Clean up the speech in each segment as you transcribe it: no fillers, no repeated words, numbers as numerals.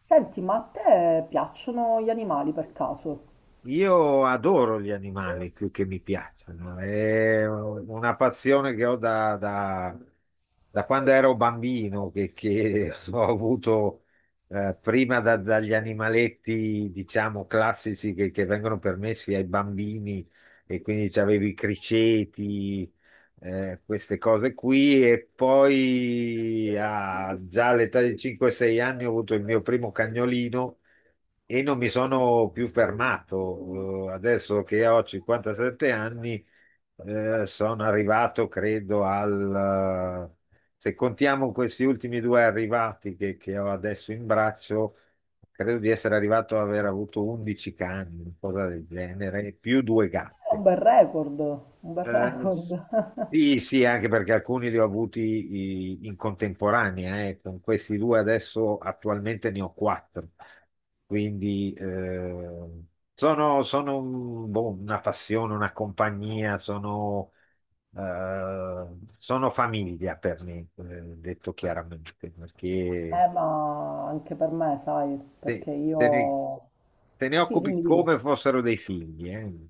Senti, ma a te piacciono gli animali per caso? Io adoro gli animali più che mi piacciono, è una passione che ho da quando ero bambino, che ho avuto prima dagli animaletti, diciamo, classici che vengono permessi ai bambini, e quindi c'avevi i criceti, queste cose qui. E poi già all'età di 5-6 anni ho avuto il mio primo cagnolino e non mi sono più fermato. Adesso che ho 57 anni, sono arrivato, credo, se contiamo questi ultimi due arrivati che ho adesso in braccio, credo di essere arrivato ad aver avuto 11 cani, una cosa del genere, e più due È un gatte. bel record, un bel Eh, record. sì, sì, anche perché alcuni li ho avuti in contemporanea, eh. Con questi due adesso attualmente ne ho quattro, quindi sono una passione, una compagnia, sono, eh, sono famiglia per me, detto chiaramente, perché ma anche per me, sai, te, perché te ne, io... te ne Sì, occupi dimmi, dimmi. come fossero dei figli, eh.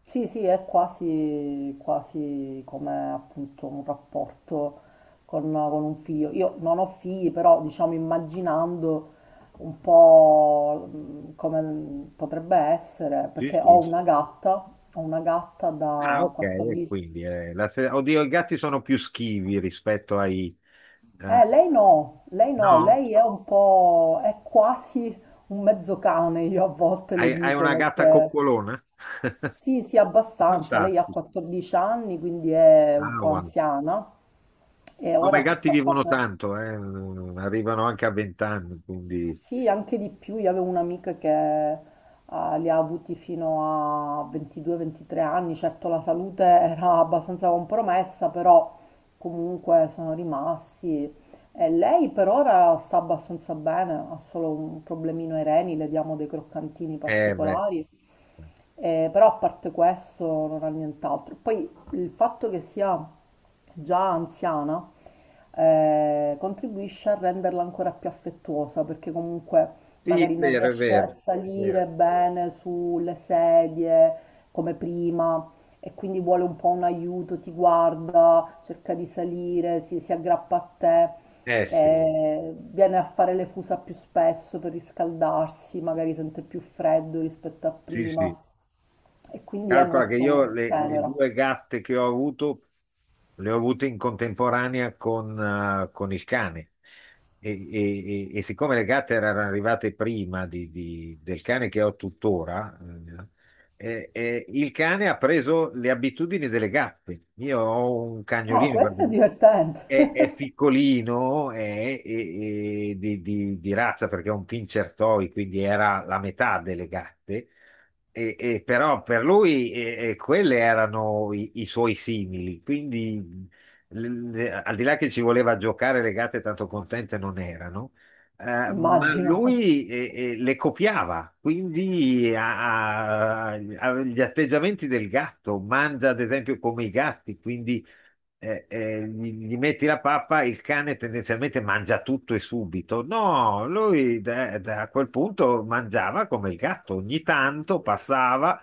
Sì, sì, è quasi, quasi come appunto un rapporto con un figlio. Io non ho figli, però diciamo immaginando un po' come potrebbe essere, Sì, perché sì. Ho una gatta Ah, da ok, e 14. quindi la se- oddio, i gatti sono più schivi rispetto eh, Lei no, lei no, no? lei è un po', è quasi un mezzo cane, io a volte le Hai, hai dico, una gatta perché coccolona? sì, sì, abbastanza, lei ha Fantastico. 14 anni, quindi è un Ah, po' guarda. anziana e Come ora i si gatti sta vivono facendo. tanto, arrivano anche a 20 anni, quindi... Sì, anche di più. Io avevo un'amica che li ha avuti fino a 22-23 anni. Certo, la salute era abbastanza compromessa, però comunque sono rimasti. E lei per ora sta abbastanza bene, ha solo un problemino ai reni, le diamo dei croccantini beh, particolari. Però a parte questo non ha nient'altro. Poi il fatto che sia già anziana contribuisce a renderla ancora più affettuosa perché comunque sì, è magari non vero, è riesce a vero, è vero. salire bene sulle sedie come prima e quindi vuole un po' un aiuto, ti guarda, cerca di salire, si aggrappa a te. Eh sì, Viene a fare le fusa più spesso per riscaldarsi, magari sente più freddo rispetto a sì, sì. prima e quindi è Calcola che io molto le tenera. due gatte che ho avuto le ho avute in contemporanea con il cane. E, e siccome le gatte erano arrivate prima del cane che ho tuttora, il cane ha preso le abitudini delle gatte. Io ho un Ah, cagnolino, perché questo è divertente, è piccolino, è, è di razza, perché è un pincher toy, quindi era la metà delle gatte. E però per lui, e quelle erano i suoi simili, quindi al di là che ci voleva giocare, le gatte tanto contente non erano, ma immagino. lui, le copiava, quindi ha gli atteggiamenti del gatto, mangia ad esempio come i gatti, quindi gli metti la pappa, il cane tendenzialmente mangia tutto e subito. No, lui da quel punto mangiava come il gatto, ogni tanto passava,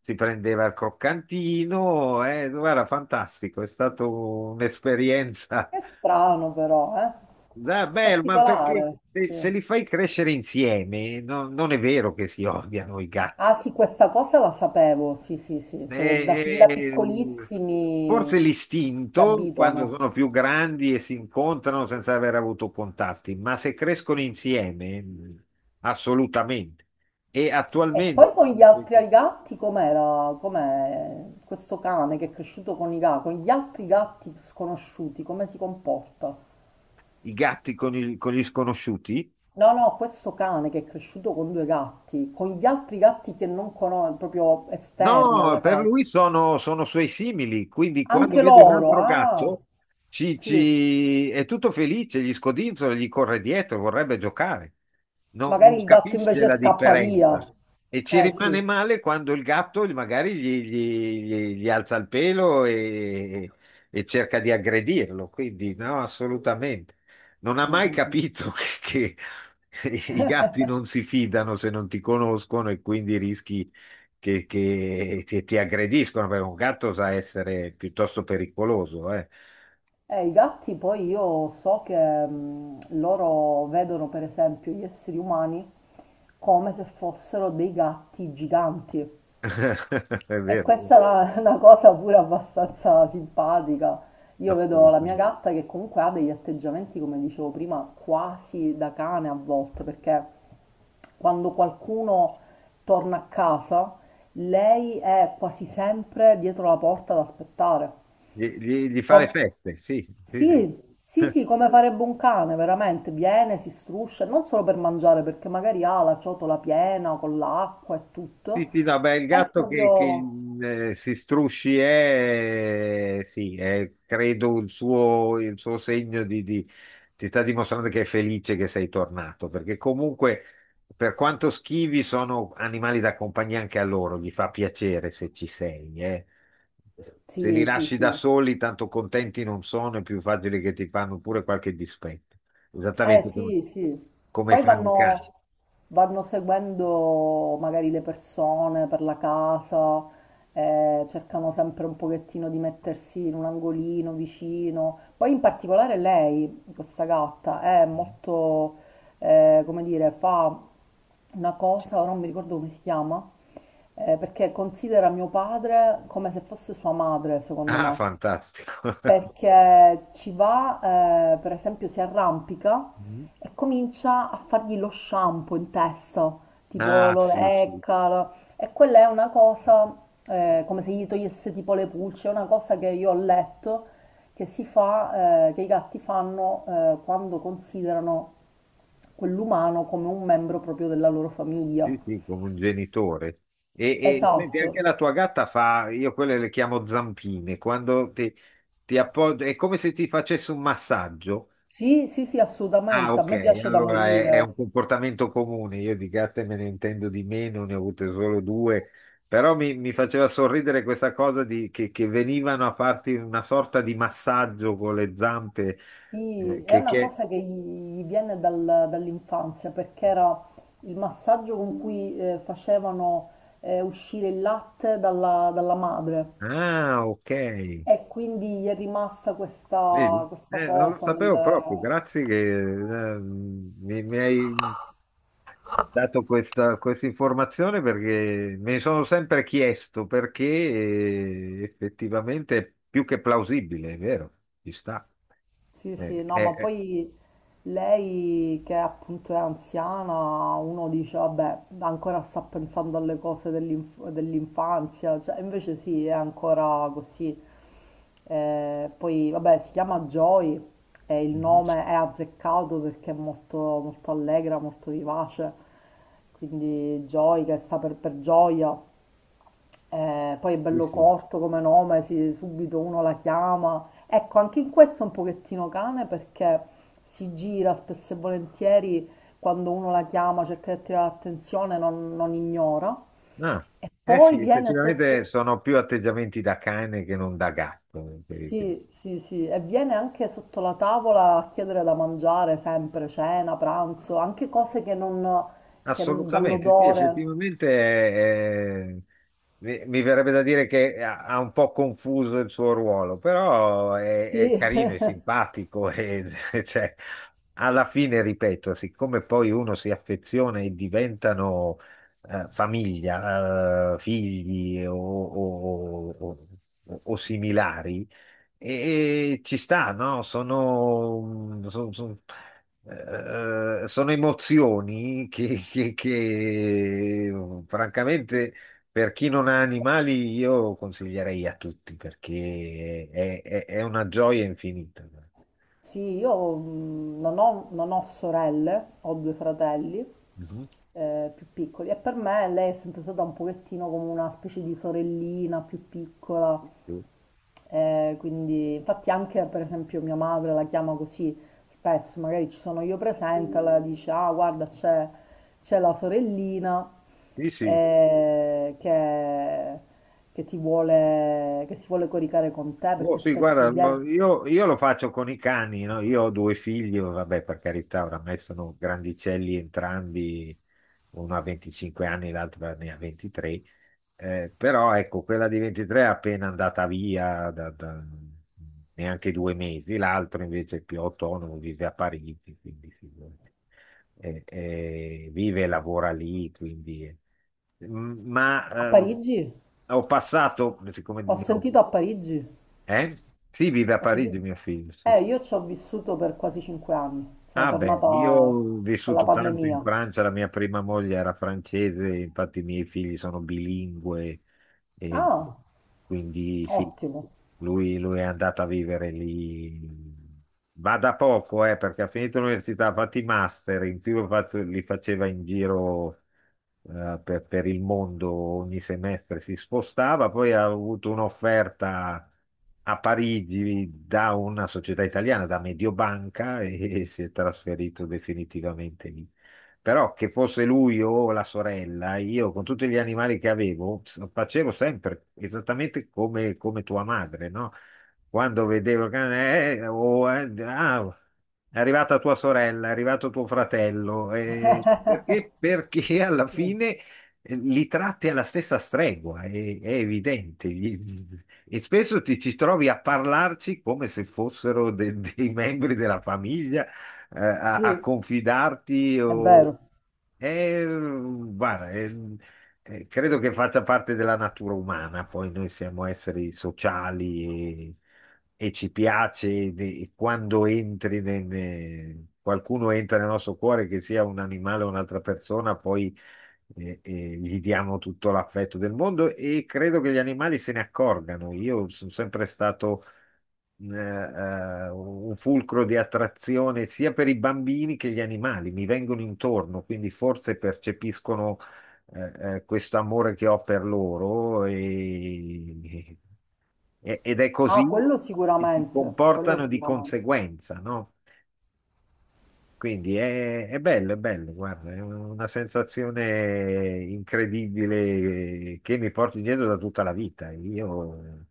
si prendeva il croccantino, era fantastico, è stata un'esperienza. È strano però, eh? Ah, bello, ma perché Particolare, se sì. Li fai crescere insieme, non è vero che si odiano i gatti. Ah sì, questa cosa la sapevo, sì sì sì, se da, fin Eh, da eh, piccolissimi forse si l'istinto, quando abituano. sono più grandi e si incontrano senza aver avuto contatti, ma se crescono insieme, assolutamente. E E attualmente poi con gli altri gatti com'era? Com'è questo cane che è cresciuto con i gatti, con gli altri gatti sconosciuti, come si comporta? i gatti con, con gli sconosciuti, No, no, questo cane che è cresciuto con due gatti, con gli altri gatti che non conosco, proprio esterni no, alla per casa, lui sono, sono suoi simili, quindi quando anche vede un loro, altro ah, gatto sì. È tutto felice, gli scodinzola, gli corre dietro, vorrebbe giocare. Non Magari il gatto capisce invece la scappa differenza via. e ci Eh sì. rimane male quando il gatto magari gli alza il pelo e cerca di aggredirlo. Quindi no, assolutamente. Non ha Mm, mai mm, mm. capito che, che i gatti non si fidano se non ti conoscono, e quindi rischi che ti aggrediscono, perché un gatto sa essere piuttosto pericoloso, eh. I gatti poi io so che loro vedono per esempio gli esseri umani come se fossero dei gatti giganti. È E vero, questa è una, una cosa pure abbastanza simpatica. Io vedo la mia assolutamente. gatta che comunque ha degli atteggiamenti, come dicevo prima, quasi da cane a volte, perché quando qualcuno torna a casa, lei è quasi sempre dietro la porta ad aspettare. Gli fa le Com- feste, sì, sì, sì. sì, sì, sì, come farebbe un cane, veramente. Viene, si struscia, non solo per mangiare, perché magari ha la ciotola piena con l'acqua e Sì, tutto. sì, no, beh, il È gatto che, che, proprio... eh, si strusci è, sì, è, credo il suo segno di ti sta dimostrando che è felice che sei tornato, perché comunque, per quanto schivi, sono animali da compagnia anche a loro, gli fa piacere se ci sei, eh. Se li Sì, sì, lasci da sì. soli, tanto contenti non sono, è più facile che ti fanno pure qualche dispetto, Eh esattamente come, sì, sì. come Poi fanno i cani. vanno, vanno seguendo magari le persone per la casa, cercano sempre un pochettino di mettersi in un angolino vicino. Poi in particolare lei, questa gatta, è molto, come dire, fa una cosa, ora non mi ricordo come si chiama, perché considera mio padre come se fosse sua madre, secondo Ah, me fantastico. perché ci va, per esempio, si arrampica e comincia a fargli lo shampoo in testa, tipo Ah, lo sì, sì, lecca, e quella è una cosa, come se gli togliesse tipo le pulce, è una cosa che io ho letto che si fa, che i gatti fanno quando considerano quell'umano come un membro proprio della loro famiglia. sì, sì, come un genitore. E, e senti, Esatto. anche la tua gatta fa, io quelle le chiamo zampine, quando ti appoggio, è come se ti facesse un massaggio. Sì, sì, sì, Ah, assolutamente, a me ok, piace da allora è un morire. comportamento comune, io di gatte me ne intendo di meno, ne ho avute solo due, però mi faceva sorridere questa cosa di che venivano a farti una sorta di massaggio con le zampe, Sì, eh, è che, una che... cosa che gli viene dall'infanzia perché era il massaggio con cui facevano uscire il latte dalla, dalla madre ah, ok. e quindi gli è rimasta questa, Vedi? questa Non lo cosa nel, sapevo proprio, grazie che mi hai dato questa, questa informazione, perché me ne sono sempre chiesto, perché effettivamente è più che plausibile, è vero, ci sta. sì, sì, Eh, no, eh, ma eh, poi lei che appunto è anziana, uno dice, vabbè, ancora sta pensando alle cose dell'infanzia, cioè, invece sì, è ancora così. Poi, vabbè, si chiama Joy e il mhm, nome è azzeccato perché è molto, molto allegra, molto vivace, quindi Joy che sta per gioia. Poi è sì, bello sì. corto come nome, subito uno la chiama. Ecco, anche in questo è un pochettino cane perché si gira spesso e volentieri quando uno la chiama, cerca di attirare l'attenzione, non, non ignora. Ah, E eh poi sì, viene effettivamente sotto, sono più atteggiamenti da cane che non da gatto, sì, sì, sì, e viene anche sotto la tavola a chiedere da mangiare sempre, cena, pranzo, anche cose che non, assolutamente, sì, dall'odore. effettivamente mi verrebbe da dire che ha un po' confuso il suo ruolo, però è Sì, carino, è simpatico e cioè, alla fine, ripeto, siccome poi uno si affeziona e diventano famiglia, figli o similari, e ci sta, no? Sono emozioni che, oh, sì. francamente, per chi non ha animali, io consiglierei a tutti, perché è una gioia infinita. Sì, io non ho, non ho sorelle, ho due fratelli Mhm. Più piccoli e per me lei è sempre stata un pochettino come una specie di sorellina più piccola, Sì, sì, quindi infatti anche per esempio mia madre la chiama così spesso, magari ci sono io presente, allora dice ah guarda c'è c'è la sorellina sì. eh, che, che ti vuole, che si vuole coricare con te Oh, perché sì, spesso guarda, viene ma io lo faccio con i cani, no? Io ho due figli, vabbè, per carità, oramai sono grandicelli entrambi, uno ha 25 anni, l'altro ne ha 23. Però ecco, quella di 23 è appena andata via da, da neanche due mesi, l'altro invece è più autonomo, vive a Parigi, quindi figurati. Vive e lavora lì, M- a Ma eh, Parigi. ho passato, siccome... Ho sentito a Parigi, eh? Sì, vive a ho Parigi sentito... mio figlio. Sì. Sì. Io ci ho vissuto per quasi 5 anni, sono Ah beh, tornata io ho con la vissuto tanto in pandemia. Francia, la mia prima moglie era francese, infatti i miei figli sono bilingue, e Ah, quindi sì, ottimo. lui è andato a vivere lì. Va da poco, perché ha finito l'università, ha fatto i master, in più li faceva in giro per il mondo, ogni semestre si spostava, poi ha avuto un'offerta a Parigi da una società italiana, da Mediobanca, e si è trasferito definitivamente lì. Però che fosse lui o la sorella, io con tutti gli animali che avevo, facevo sempre esattamente come, come tua madre, no? Quando vedevo che è arrivata tua sorella, è arrivato tuo fratello, perché, perché alla Sì, fine li tratti alla stessa stregua, è evidente. E spesso ti ci trovi a parlarci come se fossero dei membri della famiglia, a, a sì, confidarti è o... vero. Guarda, credo che faccia parte della natura umana, poi noi siamo esseri sociali e ci piace e quando qualcuno entra nel nostro cuore, che sia un animale o un'altra persona, poi gli diamo tutto l'affetto del mondo, e credo che gli animali se ne accorgano. Io sono sempre stato un fulcro di attrazione sia per i bambini che gli animali, mi vengono intorno, quindi forse percepiscono questo amore che ho per loro, ed è Ah, così quello che si sicuramente, quello comportano di sicuramente. conseguenza, no? Quindi è bello, guarda, è una sensazione incredibile che mi porto dietro da tutta la vita. Io,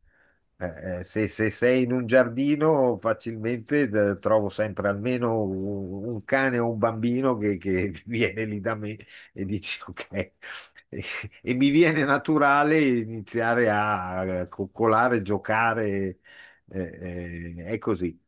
se, se sei in un giardino, facilmente trovo sempre almeno un cane o un bambino che viene lì da me e dice ok. E, e mi viene naturale iniziare a coccolare, giocare, eh, è così.